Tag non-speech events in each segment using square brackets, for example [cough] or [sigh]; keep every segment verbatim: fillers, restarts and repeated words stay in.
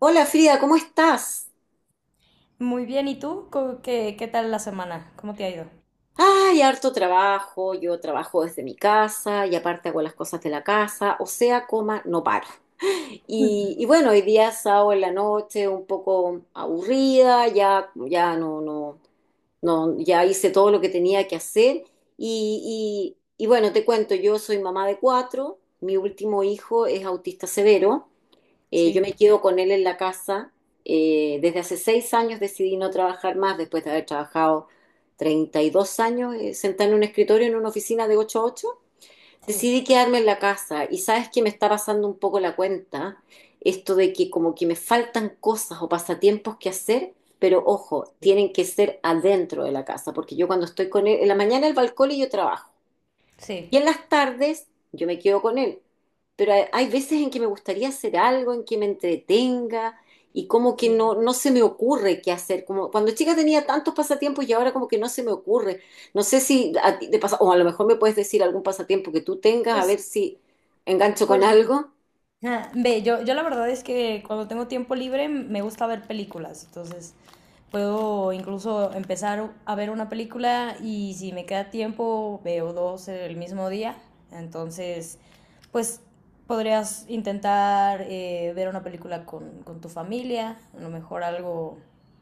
Hola Frida, ¿cómo estás? Muy bien, ¿y tú? ¿Cómo- ¿Qué, qué tal la semana? ¿Cómo te ha ido? Ay, harto trabajo, yo trabajo desde mi casa y aparte hago las cosas de la casa, o sea, coma, no paro. Y, Mm. y bueno, hoy día sábado en la noche, un poco aburrida, ya, ya no, no, no, ya hice todo lo que tenía que hacer. Y, y, y bueno, te cuento, yo soy mamá de cuatro, mi último hijo es autista severo. Eh, yo Sí, me quedo con él en la casa. Eh, desde hace seis años decidí no trabajar más, después de haber trabajado treinta y dos años eh, sentada en un escritorio, en una oficina de ocho a ocho. sí, Decidí quedarme en la casa y sabes que me está pasando un poco la cuenta, esto de que como que me faltan cosas o pasatiempos que hacer, pero ojo, sí. tienen que ser adentro de la casa, porque yo cuando estoy con él, en la mañana el balcón y yo trabajo. Y Sí, en las tardes yo me quedo con él. Pero hay, hay veces en que me gustaría hacer algo, en que me entretenga y como que sí. no, no se me ocurre qué hacer. Como cuando chica tenía tantos pasatiempos y ahora como que no se me ocurre. No sé si a ti te pasa, o a lo mejor me puedes decir algún pasatiempo que tú tengas, a ver Pues, si engancho con pues, algo. ah, ve, yo, yo la verdad es que cuando tengo tiempo libre m- me gusta ver películas, entonces puedo incluso empezar a ver una película y si me queda tiempo veo dos el mismo día. Entonces, pues podrías intentar eh, ver una película con, con tu familia, a lo mejor algo,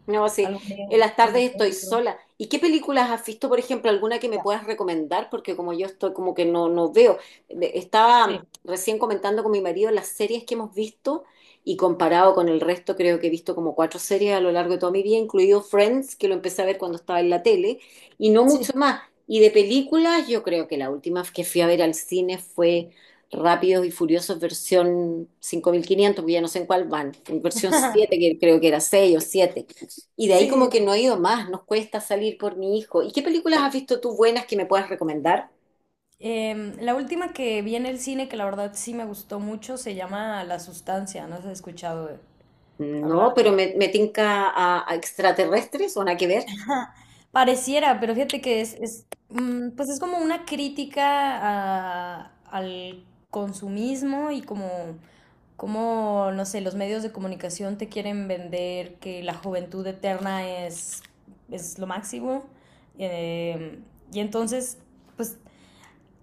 No, sí, algo, ne- en las algo tardes estoy neutro. sola. ¿Y qué películas has visto, por ejemplo, alguna que me Ya. puedas recomendar? Porque como yo estoy como que no, no veo. De- Estaba Sí, recién comentando con mi marido las series que hemos visto y comparado con el resto, creo que he visto como cuatro series a lo largo de toda mi vida, incluido Friends, que lo empecé a ver cuando estaba en la tele, y no sí, mucho más. Y de películas, yo creo que la última que fui a ver al cine fue Rápidos y Furiosos versión cinco mil quinientos, porque ya no sé en cuál van, en versión siete que creo que era seis o siete. Y de ahí como sí, que no. no he ido más, nos cuesta salir por mi hijo. ¿Y qué películas has visto tú buenas que me puedas recomendar? Em, la última que vi en el cine, que la verdad sí me gustó mucho, se llama La Sustancia. No si has escuchado eh, No, hablar de pero ella. me, me tinca a, a extraterrestres o nada que ver, Pareciera, pero fíjate que es, es, mm, pues es como una crítica a- al consumismo y como, como, no sé, los medios de comunicación te quieren vender que la juventud eterna es, es lo máximo. Em, y entonces, pues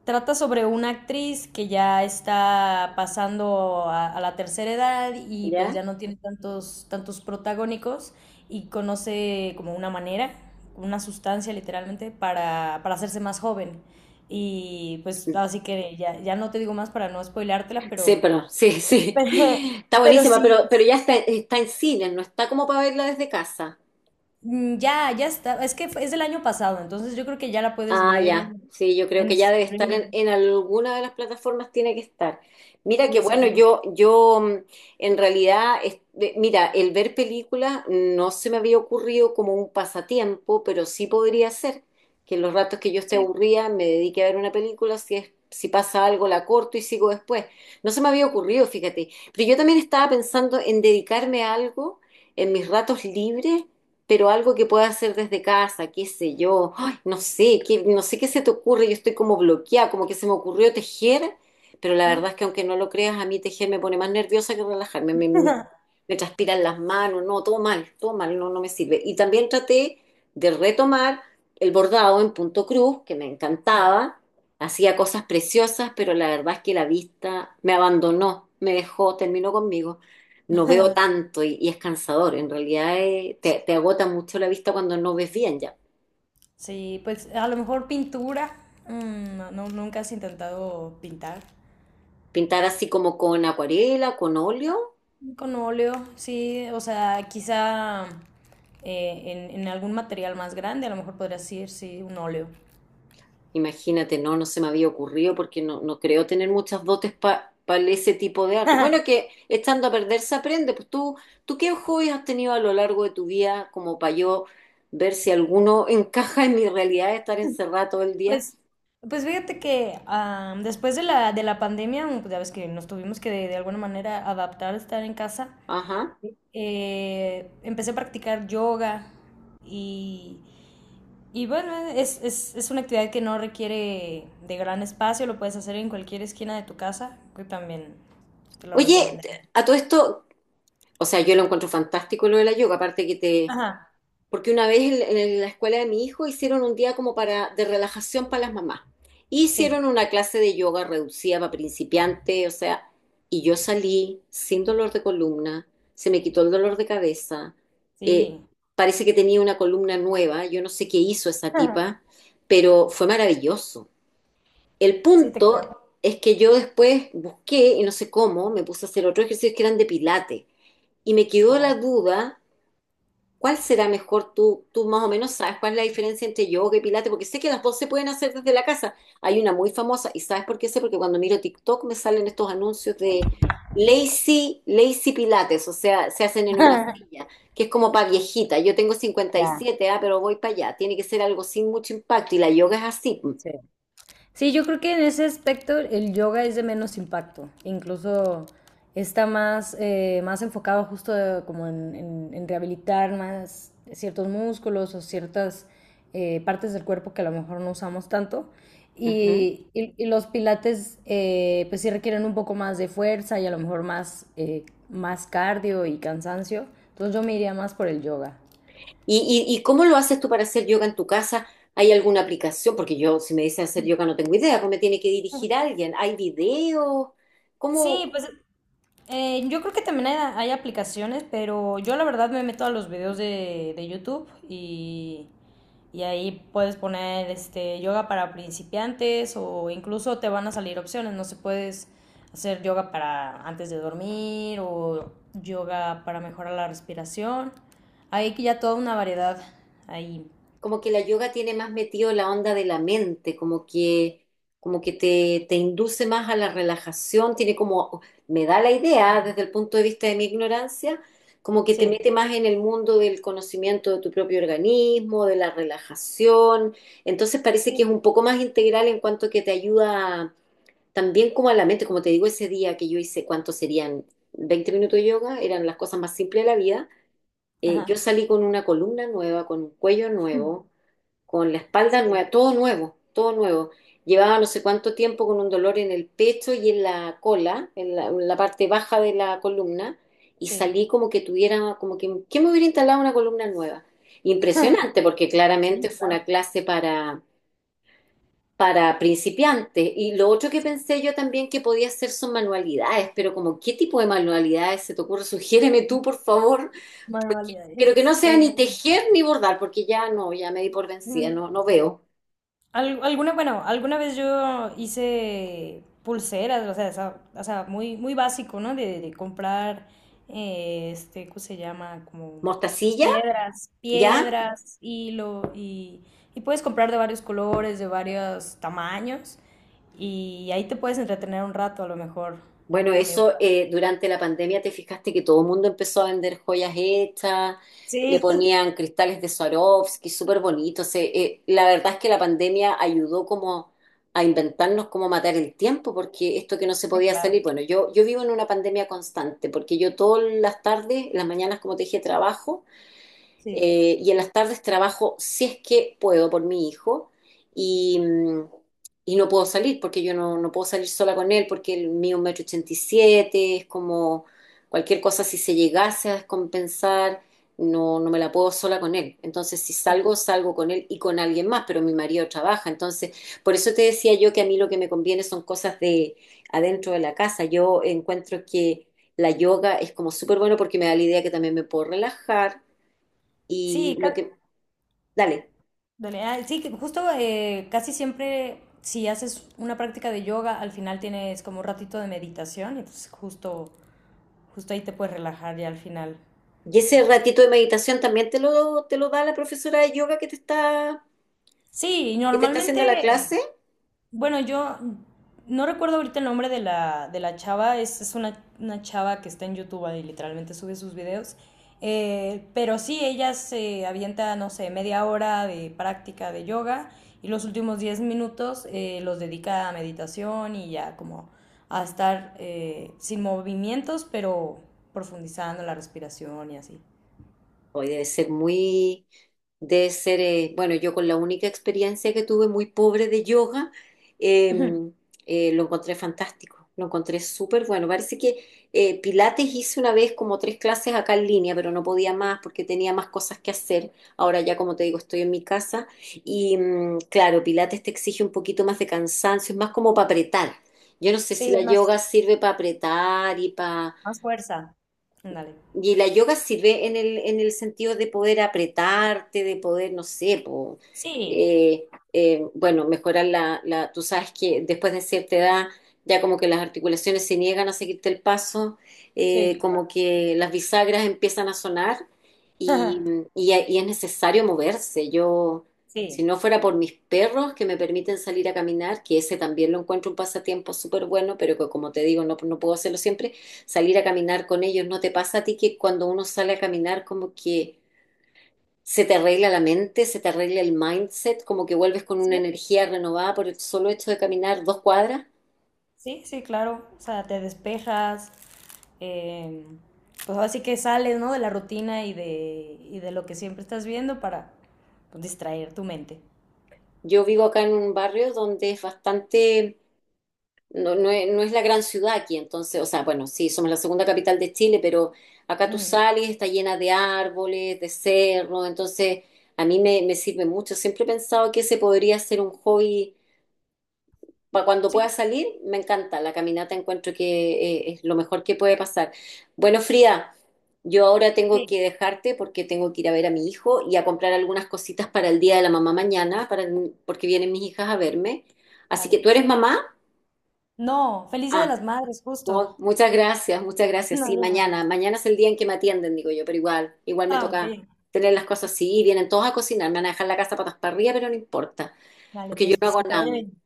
trata sobre una actriz que ya está pasando a, a la tercera edad y pues ¿ya? ya no tiene tantos, tantos protagónicos y conoce como una manera, una sustancia literalmente para, para hacerse más joven. Y pues así que ya, ya no te digo más para no spoileártela, Sí, pero... pero [laughs] sí, [laughs] sí. pero, Está pero buenísima, sí, pero, pero ya está, está en cine, no está como para verla desde casa. mm, ya, ya está. Es que fue- es del año pasado, entonces yo creo que ya la puedes Ah, ver ya. en, Sí, yo creo en que ya debe estar en, streaming. en alguna de las plataformas, tiene que estar. Mira que Sí, bueno, seguro. yo, yo mm, en realidad, es- eh, mira, el ver películas no se me había ocurrido como un pasatiempo, pero sí podría ser que en los ratos que yo esté Sí. aburrida me dedique a ver una película, si es, si pasa algo la corto y sigo después. No se me había ocurrido, fíjate. Pero yo también estaba pensando en dedicarme a algo en mis ratos libres, pero algo que pueda hacer desde casa, qué sé yo. No sé, qué, no sé qué se te ocurre, yo estoy como bloqueada, como que se me ocurrió tejer, pero la Ah. verdad es que aunque no lo creas, a mí tejer me pone más nerviosa que relajarme, me, me- [laughs] me transpiran las manos, no, todo mal, todo mal, no, no me sirve. Y también traté de retomar el bordado en punto cruz, que me Sí. encantaba, hacía cosas preciosas, pero la verdad es que la vista me abandonó, me dejó, terminó conmigo. No veo [laughs] tanto y, y es cansador, en realidad eh, te, te agota mucho la vista cuando no ves bien ya. Sí, pues a lo mejor pintura. Mm, no, no- nunca has intentado pintar Pintar así como con acuarela, con óleo, con óleo, sí, o sea, quizá eh, en, en algún material más grande, a lo mejor podrías ir, sí, un óleo. imagínate, no, no se me había ocurrido porque no, no creo tener muchas dotes para ese tipo de arte. Bueno, que estando a perder se aprende, pues tú, ¿tú qué hobbies has tenido a lo largo de tu vida como para yo ver si alguno encaja en mi realidad de estar encerrada todo el día? Pues, pues fíjate que ah, después de la, de la pandemia, mm, pues ya ves que nos tuvimos que de, de alguna manera adaptar a estar en casa. Ajá. Eh, empecé a practicar yoga y Y bueno, es, es, es una actividad que no requiere de gran espacio, lo puedes hacer en cualquier esquina de tu casa, que también te lo Oye, te- recomendaría. a todo esto, o sea, yo lo encuentro fantástico lo de la yoga, aparte que te Ajá, porque una vez en, en la escuela de mi hijo hicieron un día como para de relajación para las mamás. sí, Hicieron una clase de yoga reducida para principiantes, o sea, y yo salí sin dolor de columna, se me quitó el dolor de cabeza, eh, sí. parece que tenía una columna nueva, yo no sé qué hizo esa tipa, [laughs] pero fue maravilloso. El Sí, te creo. punto es que yo después busqué, y no sé cómo, me puse a hacer otros ejercicios que eran de pilates, y me quedó la Oh. duda. ¿Cuál será mejor? Tú, tú más o menos sabes cuál es la diferencia entre yoga y pilates, porque sé que las dos se pueden hacer desde la casa. Hay una muy famosa, y ¿sabes por qué sé? Porque cuando miro TikTok me salen estos anuncios de lazy, lazy pilates, o sea, se hacen en una [laughs] silla, que es como para viejita. Yo tengo cincuenta y Ya, siete ah, pero voy para allá. Tiene que ser algo sin mucho impacto, y la yoga es así. sí. Sí, yo creo que en ese aspecto el yoga es de menos impacto, incluso está más, eh, más enfocado justo de- como en, en- en rehabilitar más ciertos músculos o ciertas eh, partes del cuerpo que a lo mejor no usamos tanto. Ujú. Y, y- y los pilates eh, pues sí requieren un poco más de fuerza y a lo mejor más, eh, más cardio y cansancio. Entonces yo me iría más por el yoga. ¿Y, y, y cómo lo haces tú para hacer yoga en tu casa? ¿Hay alguna aplicación? Porque yo, si me dicen hacer yoga, no tengo idea, cómo me tiene que dirigir alguien. ¿Hay videos? Sí, ¿Cómo, pues Eh, yo creo que también hay, hay aplicaciones, pero yo la verdad me meto a los videos de, de YouTube y, y ahí puedes poner este yoga para principiantes o incluso te van a salir opciones, no se puedes hacer yoga para antes de dormir o yoga para mejorar la respiración. Hay que ya toda una variedad ahí. Como que la yoga tiene más metido la onda de la mente, como que, como que te, te induce más a la relajación, tiene como, me da la idea desde el punto de vista de mi ignorancia, como que te Sí. mete más en el mundo del conocimiento de tu propio organismo, de la relajación, entonces parece Sí. que es un poco más integral en cuanto que te ayuda también como a la mente, como te digo, ese día que yo hice, ¿cuánto serían? Veinte minutos de yoga, eran las cosas más simples de la vida. Eh, yo Ajá. salí con una columna nueva, con un cuello nuevo, [laughs] con la espalda Sí. nueva, todo nuevo, todo nuevo. Llevaba no sé cuánto tiempo con un dolor en el pecho y en la cola, en la, en la parte baja de la columna, y Sí. salí como que tuviera, como que, que me hubiera instalado una columna nueva. [laughs] Impresionante, porque Sí, claramente fue claro. una clase para, para principiantes. Y lo otro que pensé yo también que podía hacer son manualidades, pero como, ¿qué tipo de manualidades se te ocurre? Sugiéreme tú, por favor. Pero que no Manualidades. sea Eh, ni tejer ni bordar, porque ya no, ya me di por vencida, no, no veo. Al- alguna, bueno, alguna vez yo hice pulseras, o sea, esa- o sea, muy, muy básico, ¿no? De, de comprar, eh, este, ¿cómo se llama? Como, pues ¿Mostacilla? piedras, ¿Ya? piedras, hilo, y, y puedes comprar de varios colores, de varios tamaños, y ahí te puedes entretener un rato, a lo mejor. Bueno, También, eso por eh, durante la pandemia te fijaste que todo el mundo empezó a vender joyas hechas, le sí. [laughs] ponían cristales de Swarovski, súper bonitos. Eh, eh, la verdad es que la pandemia ayudó como a inventarnos cómo matar el tiempo, porque esto que no se Sí, podía claro, salir, bueno, yo, yo vivo en una pandemia constante, porque yo todas las tardes, las mañanas, como te dije, trabajo. sí, Eh, y en las tardes trabajo si es que puedo por mi hijo y, mm, y no puedo salir porque yo no, no puedo salir sola con él porque el mío es un metro ochenta y siete, es como cualquier cosa si se llegase a descompensar, no, no me la puedo sola con él. Entonces si sí. salgo, salgo con él y con alguien más, pero mi marido trabaja. Entonces, por eso te decía yo que a mí lo que me conviene son cosas de adentro de la casa. Yo encuentro que... La yoga es como súper bueno porque me da la idea que también me puedo relajar, y Sí. lo ca- que, dale, Dale, ah, sí, que justo eh, casi siempre si haces una práctica de yoga, al final tienes como un ratito de meditación y pues justo, justo ahí te puedes relajar ya al final. y No sé. ese ratito de meditación también te lo, te lo da la profesora de yoga que te está, Sí, y que te está normalmente... haciendo la clase. Bueno, yo no recuerdo ahorita el nombre de la, de la chava, es, es una, una chava que está en YouTube y literalmente sube sus videos, eh, pero sí, ella se avienta, no sé, media hora de práctica de yoga y los últimos diez minutos eh, los dedica a meditación y ya como a estar eh, sin movimientos, pero profundizando la respiración y así. Hoy debe ser muy, debe ser, eh, bueno, yo con la única experiencia que tuve muy pobre de yoga, eh, eh, lo encontré fantástico, lo encontré súper bueno. Parece que eh, Pilates hice una vez como tres clases acá en línea, pero no podía más porque tenía más cosas que hacer. Ahora ya, como te digo, estoy en mi casa y mm, claro, Pilates te exige un poquito más de cansancio, es más como para apretar. Yo no sé si Sí, la es más, yoga sirve para apretar y para más fuerza. Ándale. y la yoga sirve en el, en el sentido de poder apretarte, de poder, no sé, po, Sí, eh, eh, bueno, mejorar la, la, tú sabes que después de cierta edad ya como que las articulaciones se niegan a seguirte el paso, eh, sí, como claro. que las bisagras empiezan a sonar y, [laughs] y, y es necesario moverse. Yo, si Sí, no fuera por mis perros que me permiten salir a caminar, que ese también lo encuentro un pasatiempo súper bueno, pero que como te digo, no, no puedo hacerlo siempre salir a caminar con ellos. ¿No te pasa a ti que cuando uno sale a caminar como que se te arregla la mente, se te arregla el mindset, como que vuelves con una sí. energía renovada por el solo hecho de caminar dos cuadras? Sí, sí, claro. O sea, te despejas, eh, pues así que sales, ¿no? De la rutina y de, y de lo que siempre estás viendo para, pues, distraer tu mente. Yo vivo acá en un barrio donde es bastante, no, no es, no es la gran ciudad aquí, entonces, o sea, bueno, sí, somos la segunda capital de Chile, pero acá tú Mm. sales, está llena de árboles, de cerros, entonces a mí me, me sirve mucho. Siempre he pensado que ese podría ser un hobby para cuando pueda Sí, salir, me encanta. La caminata encuentro que eh, es lo mejor que puede pasar. Bueno, Frida, yo ahora tengo sí, que dejarte porque tengo que ir a ver a mi hijo y a comprar algunas cositas para el día de la mamá mañana, para, porque vienen mis hijas a verme. Así que dale. tú eres mamá. No, feliz Día Ah, de las Madres, justo. mu- [laughs] muchas gracias, muchas gracias. No, Sí, yo mañana. no. Mañana es el día en que me atienden, digo yo, pero igual, igual me Ah, toca ok. tener las cosas así. Y vienen todos a cocinar, me van a dejar la casa patas para arriba, pero no importa, Dale, porque yo pues, no pues hago que te nada. vaya bien.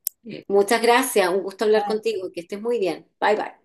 Muchas gracias, un gusto hablar Bye. contigo, que estés muy bien. Bye bye.